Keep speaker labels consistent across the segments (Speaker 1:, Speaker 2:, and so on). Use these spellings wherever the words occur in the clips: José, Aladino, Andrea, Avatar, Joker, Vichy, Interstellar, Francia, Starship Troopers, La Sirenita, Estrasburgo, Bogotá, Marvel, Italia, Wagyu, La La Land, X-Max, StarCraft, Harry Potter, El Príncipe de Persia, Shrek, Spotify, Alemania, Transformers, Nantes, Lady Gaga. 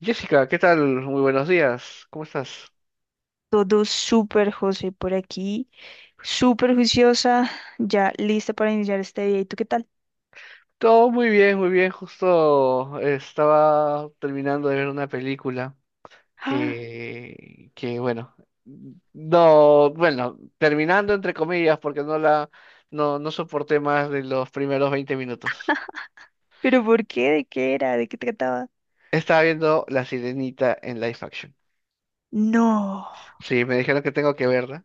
Speaker 1: Jessica, ¿qué tal? Muy buenos días. ¿Cómo estás?
Speaker 2: Todo súper, José, por aquí. Súper juiciosa, ya lista para iniciar este día. ¿Y tú qué tal?
Speaker 1: Todo muy bien, muy bien. Justo estaba terminando de ver una película
Speaker 2: Ah,
Speaker 1: que bueno, no, bueno, terminando entre comillas porque no, no soporté más de los primeros 20 minutos.
Speaker 2: ¿pero por qué? ¿De qué era? ¿De qué trataba?
Speaker 1: Estaba viendo La Sirenita en live action.
Speaker 2: No.
Speaker 1: Sí, me dijeron que tengo que verla.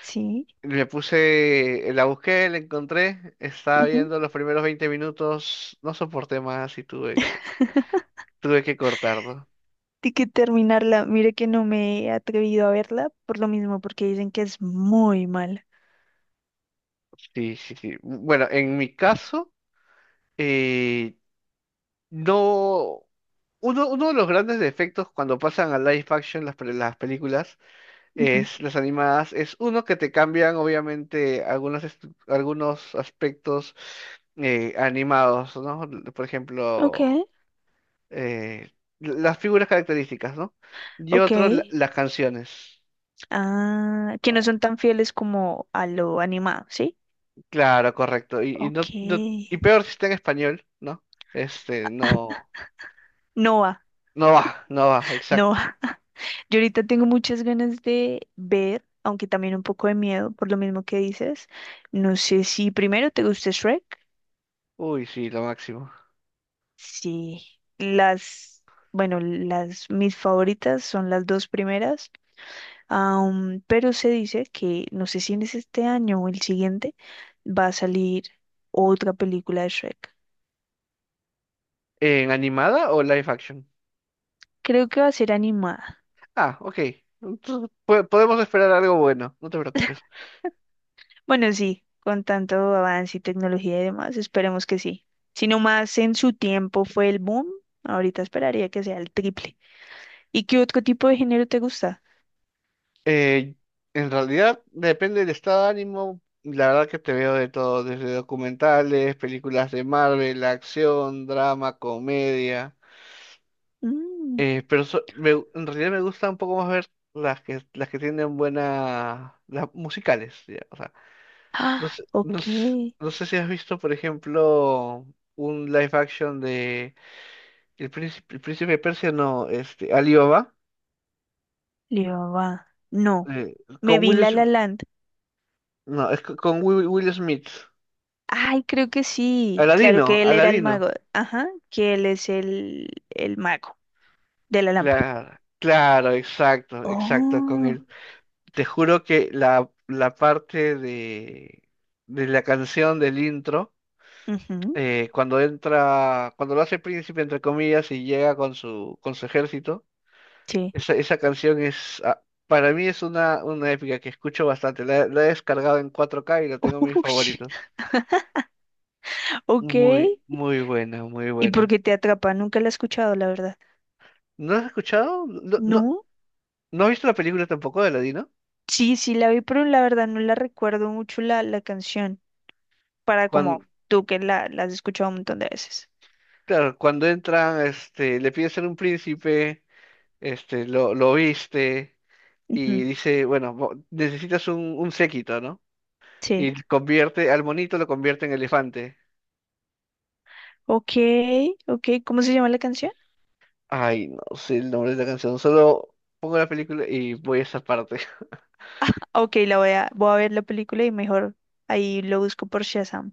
Speaker 2: Sí.
Speaker 1: Me puse, la busqué, la encontré, estaba
Speaker 2: Ujú.
Speaker 1: viendo los primeros 20 minutos, no soporté más y tuve que tuve que cortarlo.
Speaker 2: Tengo que terminarla. Mire que no me he atrevido a verla por lo mismo, porque dicen que es muy mala.
Speaker 1: Sí, sí, sí. Bueno, en mi caso, eh, no. Uno de los grandes defectos cuando pasan a live action las películas,
Speaker 2: Ujú.
Speaker 1: es, las animadas, es uno que te cambian obviamente algunos aspectos animados, ¿no? Por
Speaker 2: Ok,
Speaker 1: ejemplo, eh, las figuras características, ¿no? Y
Speaker 2: ok.
Speaker 1: otro, las canciones.
Speaker 2: Ah, que no
Speaker 1: ¿No?
Speaker 2: son tan fieles como a lo animado, ¿sí?
Speaker 1: Claro, correcto. Y
Speaker 2: Ok.
Speaker 1: y peor si está en español, ¿no? Este, no,
Speaker 2: Noah,
Speaker 1: no va, exacto.
Speaker 2: Noah. Yo ahorita tengo muchas ganas de ver, aunque también un poco de miedo por lo mismo que dices. No sé si primero te gusta Shrek.
Speaker 1: Uy, sí, lo máximo.
Speaker 2: Sí, las, bueno, las mis favoritas son las dos primeras. Pero se dice que no sé si en es este año o el siguiente va a salir otra película de Shrek.
Speaker 1: ¿En animada o live action?
Speaker 2: Creo que va a ser animada.
Speaker 1: Ah, ok. Entonces, podemos esperar algo bueno, no te preocupes.
Speaker 2: Bueno, sí, con tanto avance y tecnología y demás, esperemos que sí. Si no más en su tiempo fue el boom, ahorita esperaría que sea el triple. ¿Y qué otro tipo de género te gusta?
Speaker 1: Eh, en realidad, depende del estado de ánimo. La verdad que te veo de todo, desde documentales, películas de Marvel, acción, drama, comedia.
Speaker 2: Mm.
Speaker 1: En realidad me gusta un poco más ver las que tienen buenas las musicales, ya. O sea, no
Speaker 2: Ah,
Speaker 1: sé, no s-
Speaker 2: ok,
Speaker 1: no sé si has visto, por ejemplo, un live action de el Príncipe de Persia, no, este, Alibaba,
Speaker 2: va. No,
Speaker 1: eh,
Speaker 2: me
Speaker 1: con
Speaker 2: vi
Speaker 1: Will
Speaker 2: La La
Speaker 1: Smith,
Speaker 2: Land.
Speaker 1: no, es co- con Will Smith.
Speaker 2: Ay, creo que sí. Claro que él era el
Speaker 1: Aladino.
Speaker 2: mago. Ajá, que él es el mago de la lámpara.
Speaker 1: Claro, claro, exacto, con
Speaker 2: Oh,
Speaker 1: él. Te juro que la parte de la canción del intro,
Speaker 2: ujú,
Speaker 1: cuando entra, cuando lo hace príncipe, entre comillas, y llega con con su ejército,
Speaker 2: sí.
Speaker 1: esa canción es, ah, para mí es una épica que escucho bastante. La he descargado en 4K y la tengo en mis
Speaker 2: Ush.
Speaker 1: favoritos.
Speaker 2: Ok.
Speaker 1: Muy, muy buena, muy
Speaker 2: ¿Y por
Speaker 1: buena.
Speaker 2: qué te atrapa? Nunca la he escuchado, la verdad.
Speaker 1: ¿No has escuchado? No, no,
Speaker 2: No,
Speaker 1: ¿no has visto la película tampoco de Aladino?
Speaker 2: sí, sí la vi, pero la verdad no la recuerdo mucho la canción, para como
Speaker 1: Cuando,
Speaker 2: tú que la has escuchado un montón de veces.
Speaker 1: claro, cuando entran, este, le pide ser un príncipe, este, lo viste, y
Speaker 2: Ujú,
Speaker 1: dice, bueno, necesitas un séquito, ¿no?
Speaker 2: sí.
Speaker 1: Y convierte, al monito lo convierte en elefante.
Speaker 2: Ok, ok, ¿cómo se llama la canción?
Speaker 1: Ay, no sé el nombre de la canción. Solo pongo la película y voy a esa parte.
Speaker 2: Ok, voy a ver la película y mejor ahí lo busco por Shazam.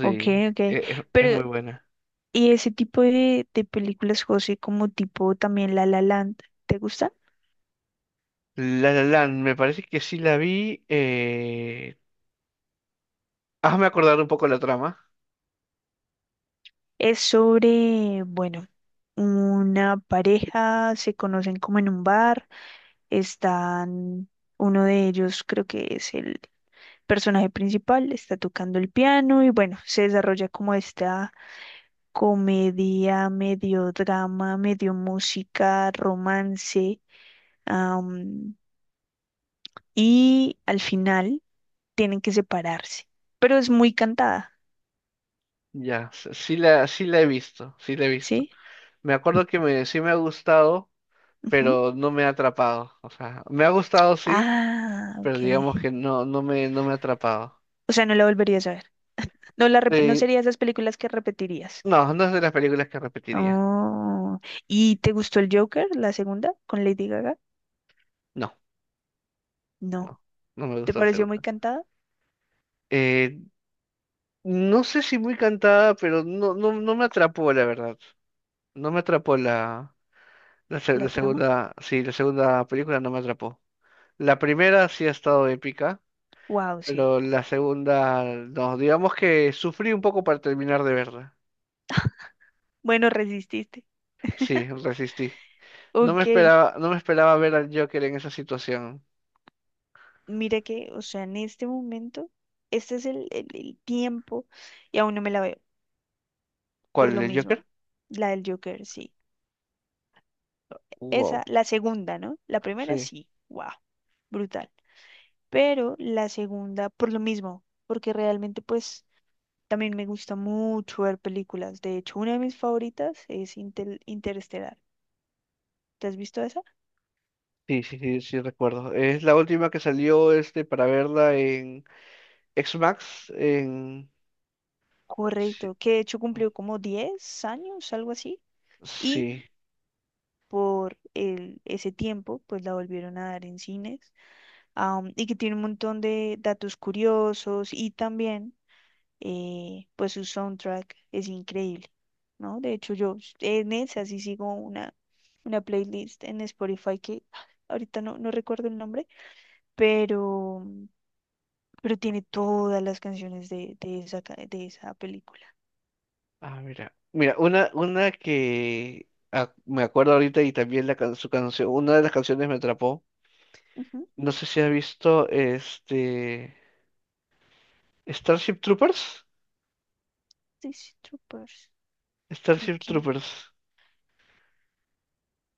Speaker 2: Ok, ok.
Speaker 1: es muy
Speaker 2: Pero,
Speaker 1: buena.
Speaker 2: ¿y ese tipo de películas, José, como tipo también La La Land, ¿te gusta?
Speaker 1: La La Land, me parece que sí la vi. Hazme acordar un poco la trama.
Speaker 2: Es sobre, bueno, una pareja, se conocen como en un bar están, uno de ellos creo que es el personaje principal, está tocando el piano y bueno, se desarrolla como esta comedia, medio drama, medio música, romance, am, y al final tienen que separarse, pero es muy cantada,
Speaker 1: Ya, sí la he visto, sí la he visto.
Speaker 2: ¿sí?
Speaker 1: Me acuerdo que sí me ha gustado,
Speaker 2: Ujú.
Speaker 1: pero no me ha atrapado. O sea, me ha gustado sí,
Speaker 2: Ah, ok.
Speaker 1: pero digamos que no, no me ha atrapado.
Speaker 2: O sea, no la volverías a ver. No
Speaker 1: Eh,
Speaker 2: sería esas películas que repetirías.
Speaker 1: no, no es de las películas que repetiría.
Speaker 2: Oh. ¿Y te gustó el Joker, la segunda, con Lady Gaga?
Speaker 1: No.
Speaker 2: No.
Speaker 1: No, no me
Speaker 2: ¿Te
Speaker 1: gusta la
Speaker 2: pareció muy
Speaker 1: segunda.
Speaker 2: cantada
Speaker 1: Eh, no sé si muy cantada, pero no, no, no me atrapó, la verdad. No me atrapó la
Speaker 2: la trama?
Speaker 1: segunda, sí, la segunda película no me atrapó. La primera sí ha estado épica,
Speaker 2: Wow, sí.
Speaker 1: pero la segunda, no, digamos que sufrí un poco para terminar de verla.
Speaker 2: Bueno, resististe.
Speaker 1: Sí, resistí. No me
Speaker 2: Ok,
Speaker 1: esperaba, no me esperaba ver al Joker en esa situación.
Speaker 2: mira que, o sea, en este momento, este es el tiempo y aún no me la veo, por
Speaker 1: ¿Cuál,
Speaker 2: lo
Speaker 1: el
Speaker 2: mismo.
Speaker 1: Joker?
Speaker 2: La del Joker, sí.
Speaker 1: Wow.
Speaker 2: Esa, la segunda, ¿no? La primera,
Speaker 1: Sí,
Speaker 2: sí. Wow, brutal. Pero la segunda, por lo mismo, porque realmente, pues, también me gusta mucho ver películas. De hecho, una de mis favoritas es Interestelar. ¿Te has visto esa?
Speaker 1: sí, sí, sí, sí recuerdo. Es la última que salió este para verla X-Max en... Sí.
Speaker 2: Correcto, que de hecho cumplió como 10 años, algo así, y
Speaker 1: Sí.
Speaker 2: por ese tiempo, pues la volvieron a dar en cines, y que tiene un montón de datos curiosos y también, pues su soundtrack es increíble, ¿no? De hecho, yo en esa sí sigo una playlist en Spotify que ahorita no recuerdo el nombre, pero, pero tiene todas las canciones de esa, de esa película.
Speaker 1: Ah, mira. Mira, una que ah, me acuerdo ahorita y también su canción, una de las canciones me atrapó.
Speaker 2: Ujú,
Speaker 1: No sé si has visto este Starship Troopers.
Speaker 2: Starship Troopers. Creo
Speaker 1: Starship
Speaker 2: que no.
Speaker 1: Troopers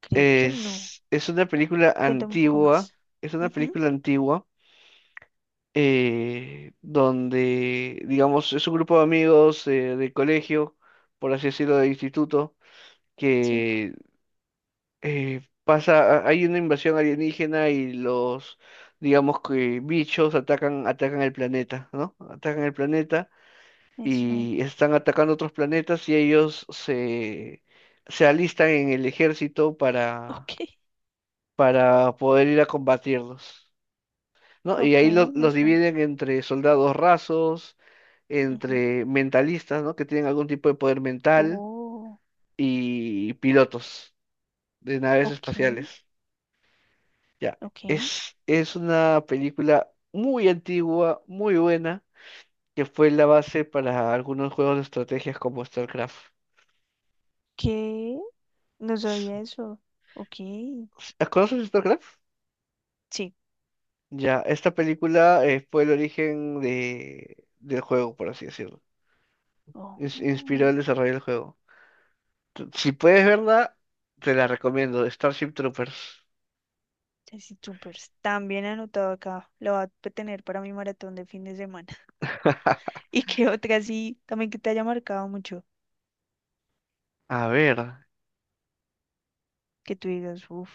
Speaker 2: Creo que no.
Speaker 1: es una película
Speaker 2: Cuéntame un poco
Speaker 1: antigua,
Speaker 2: más.
Speaker 1: es una
Speaker 2: Ujú,
Speaker 1: película antigua, donde, digamos, es un grupo de amigos, de colegio, por así decirlo, de instituto,
Speaker 2: sí,
Speaker 1: que pasa, hay una invasión alienígena y los, digamos que bichos atacan, atacan el planeta, ¿no? Atacan el planeta
Speaker 2: me suena.
Speaker 1: y están atacando otros planetas y se alistan en el ejército
Speaker 2: Ok,
Speaker 1: para poder ir a combatirlos, ¿no? Y
Speaker 2: ok,
Speaker 1: ahí
Speaker 2: me
Speaker 1: los
Speaker 2: suena.
Speaker 1: dividen entre soldados rasos,
Speaker 2: Ujú.
Speaker 1: entre mentalistas, ¿no? Que tienen algún tipo de poder mental
Speaker 2: Oh,
Speaker 1: y pilotos de naves
Speaker 2: ok,
Speaker 1: espaciales. Ya,
Speaker 2: ok.
Speaker 1: es una película muy antigua, muy buena, que fue la base para algunos juegos de estrategias como StarCraft.
Speaker 2: ¿Qué? No
Speaker 1: S-
Speaker 2: sabía eso. Ok,
Speaker 1: ¿Conoces StarCraft?
Speaker 2: sí.
Speaker 1: Ya, esta película fue el origen del juego, por así decirlo.
Speaker 2: Ojo,
Speaker 1: Inspiró el desarrollo del juego. Si puedes verla, te la recomiendo, Starship Troopers.
Speaker 2: así súper. También anotado acá. Lo va a tener para mi maratón de fin de semana. ¿Y qué otra sí? También que te haya marcado mucho.
Speaker 1: A ver,
Speaker 2: Que tú digas, uff.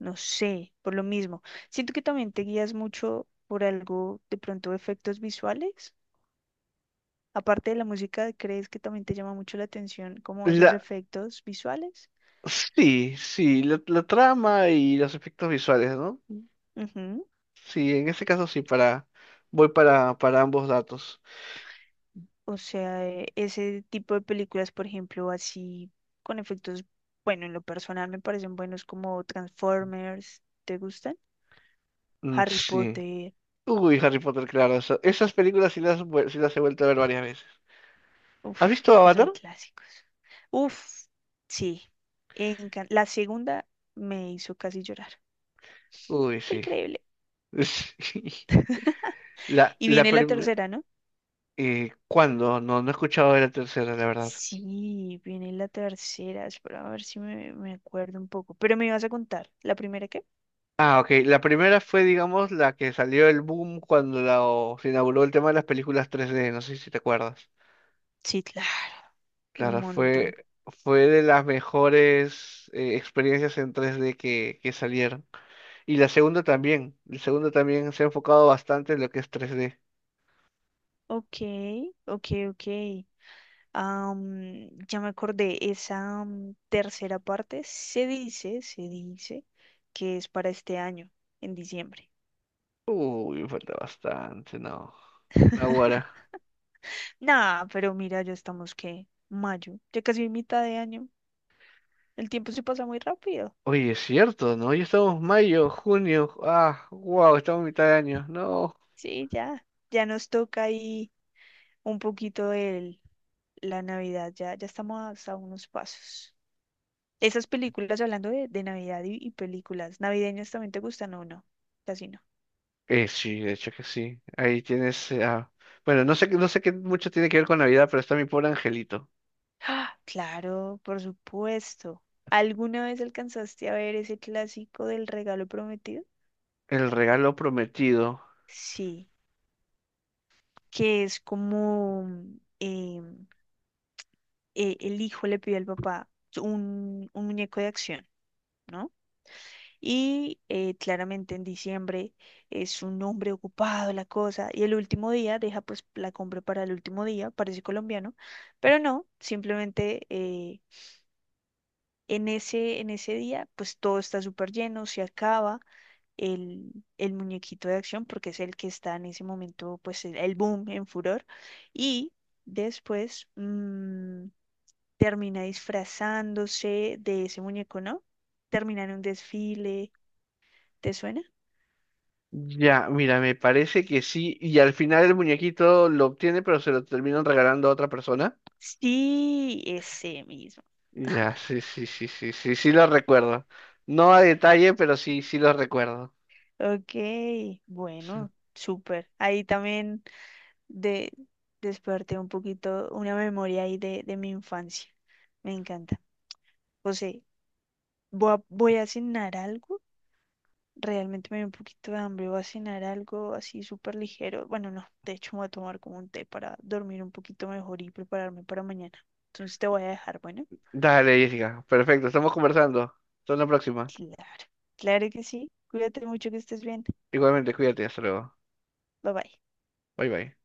Speaker 2: No sé, por lo mismo. Siento que también te guías mucho por algo, de pronto efectos visuales. Aparte de la música, ¿crees que también te llama mucho la atención como esos
Speaker 1: la...
Speaker 2: efectos visuales?
Speaker 1: sí, sí, la trama y los efectos visuales, ¿no?
Speaker 2: Ujú.
Speaker 1: Sí, en ese caso sí, voy para ambos datos.
Speaker 2: O sea, ese tipo de películas, por ejemplo, así con efectos, bueno, en lo personal me parecen buenos como Transformers, ¿te gustan?
Speaker 1: Mm,
Speaker 2: Harry
Speaker 1: sí.
Speaker 2: Potter,
Speaker 1: Uy, Harry Potter, claro. Esas películas sí sí las he vuelto a ver varias veces.
Speaker 2: uf,
Speaker 1: ¿Has visto
Speaker 2: es que
Speaker 1: Avatar?
Speaker 2: son clásicos. Uf, sí. La segunda me hizo casi llorar.
Speaker 1: Uy,
Speaker 2: Fue
Speaker 1: sí.
Speaker 2: increíble.
Speaker 1: Sí. La,
Speaker 2: Y
Speaker 1: la
Speaker 2: viene la
Speaker 1: primera...
Speaker 2: tercera, ¿no?
Speaker 1: ¿Cuándo? No, no he escuchado de la tercera, la verdad.
Speaker 2: Sí, viene la tercera. Espera a ver si me acuerdo un poco. Pero me ibas a contar. ¿La primera qué?
Speaker 1: Ah, ok. La primera fue, digamos, la que salió el boom cuando o se inauguró el tema de las películas tres d. No sé si te acuerdas.
Speaker 2: Sí, claro. Un
Speaker 1: Claro,
Speaker 2: montón.
Speaker 1: fue de las mejores, experiencias en tres d que salieron. Y la segunda también. La segunda también se ha enfocado bastante en lo que es 3D.
Speaker 2: Ok, ok, ok. Am, ya me acordé. Esa am, tercera parte se dice que es para este año, en diciembre.
Speaker 1: Uy, me falta bastante, no. Naguará.
Speaker 2: Nah, pero mira, ya estamos que mayo, ya casi mitad de año. El tiempo se pasa muy rápido.
Speaker 1: Oye, es cierto, ¿no? Ya estamos mayo, junio. Ah, wow, estamos en mitad de año. No.
Speaker 2: Sí, ya. Ya nos toca ahí un poquito la Navidad. Ya, ya estamos a unos pasos. Esas películas, hablando de Navidad y películas navideñas, ¿también te gustan o no? Casi no.
Speaker 1: Sí, de hecho que sí. Ahí tienes. Bueno, no sé, no sé qué mucho tiene que ver con Navidad, pero está mi pobre angelito.
Speaker 2: ¡Ah! Claro, por supuesto. ¿Alguna vez alcanzaste a ver ese clásico del regalo prometido?
Speaker 1: El regalo prometido.
Speaker 2: Sí, que es como em, el hijo le pide al papá un muñeco de acción, ¿no? Y claramente en diciembre es un hombre ocupado la cosa. Y el último día deja pues la compra para el último día, parece colombiano, pero no, simplemente en en ese día pues todo está súper lleno, se acaba el muñequito de acción porque es el que está en ese momento pues el boom en furor. Y después termina disfrazándose de ese muñeco, ¿no? Termina en un desfile, ¿te suena?
Speaker 1: Ya, mira, me parece que sí. Y al final el muñequito lo obtiene, pero se lo terminan regalando a otra persona.
Speaker 2: Sí, ese mismo.
Speaker 1: Ya, sí, sí, sí, sí, sí, sí lo recuerdo. No a detalle, pero sí, sí lo recuerdo.
Speaker 2: Ok, bueno, súper. Ahí también de, desperté un poquito una memoria ahí de mi infancia. Me encanta. José, voy a cenar algo. Realmente me dio un poquito de hambre. Voy a cenar algo así súper ligero. Bueno, no, de hecho me voy a tomar como un té para dormir un poquito mejor y prepararme para mañana. Entonces te voy a dejar, bueno.
Speaker 1: Dale, Jessica. Perfecto, estamos conversando. Hasta la próxima.
Speaker 2: Claro, claro que sí. Cuídate mucho, que estés bien.
Speaker 1: Igualmente, cuídate, hasta luego.
Speaker 2: Bye bye.
Speaker 1: Bye bye.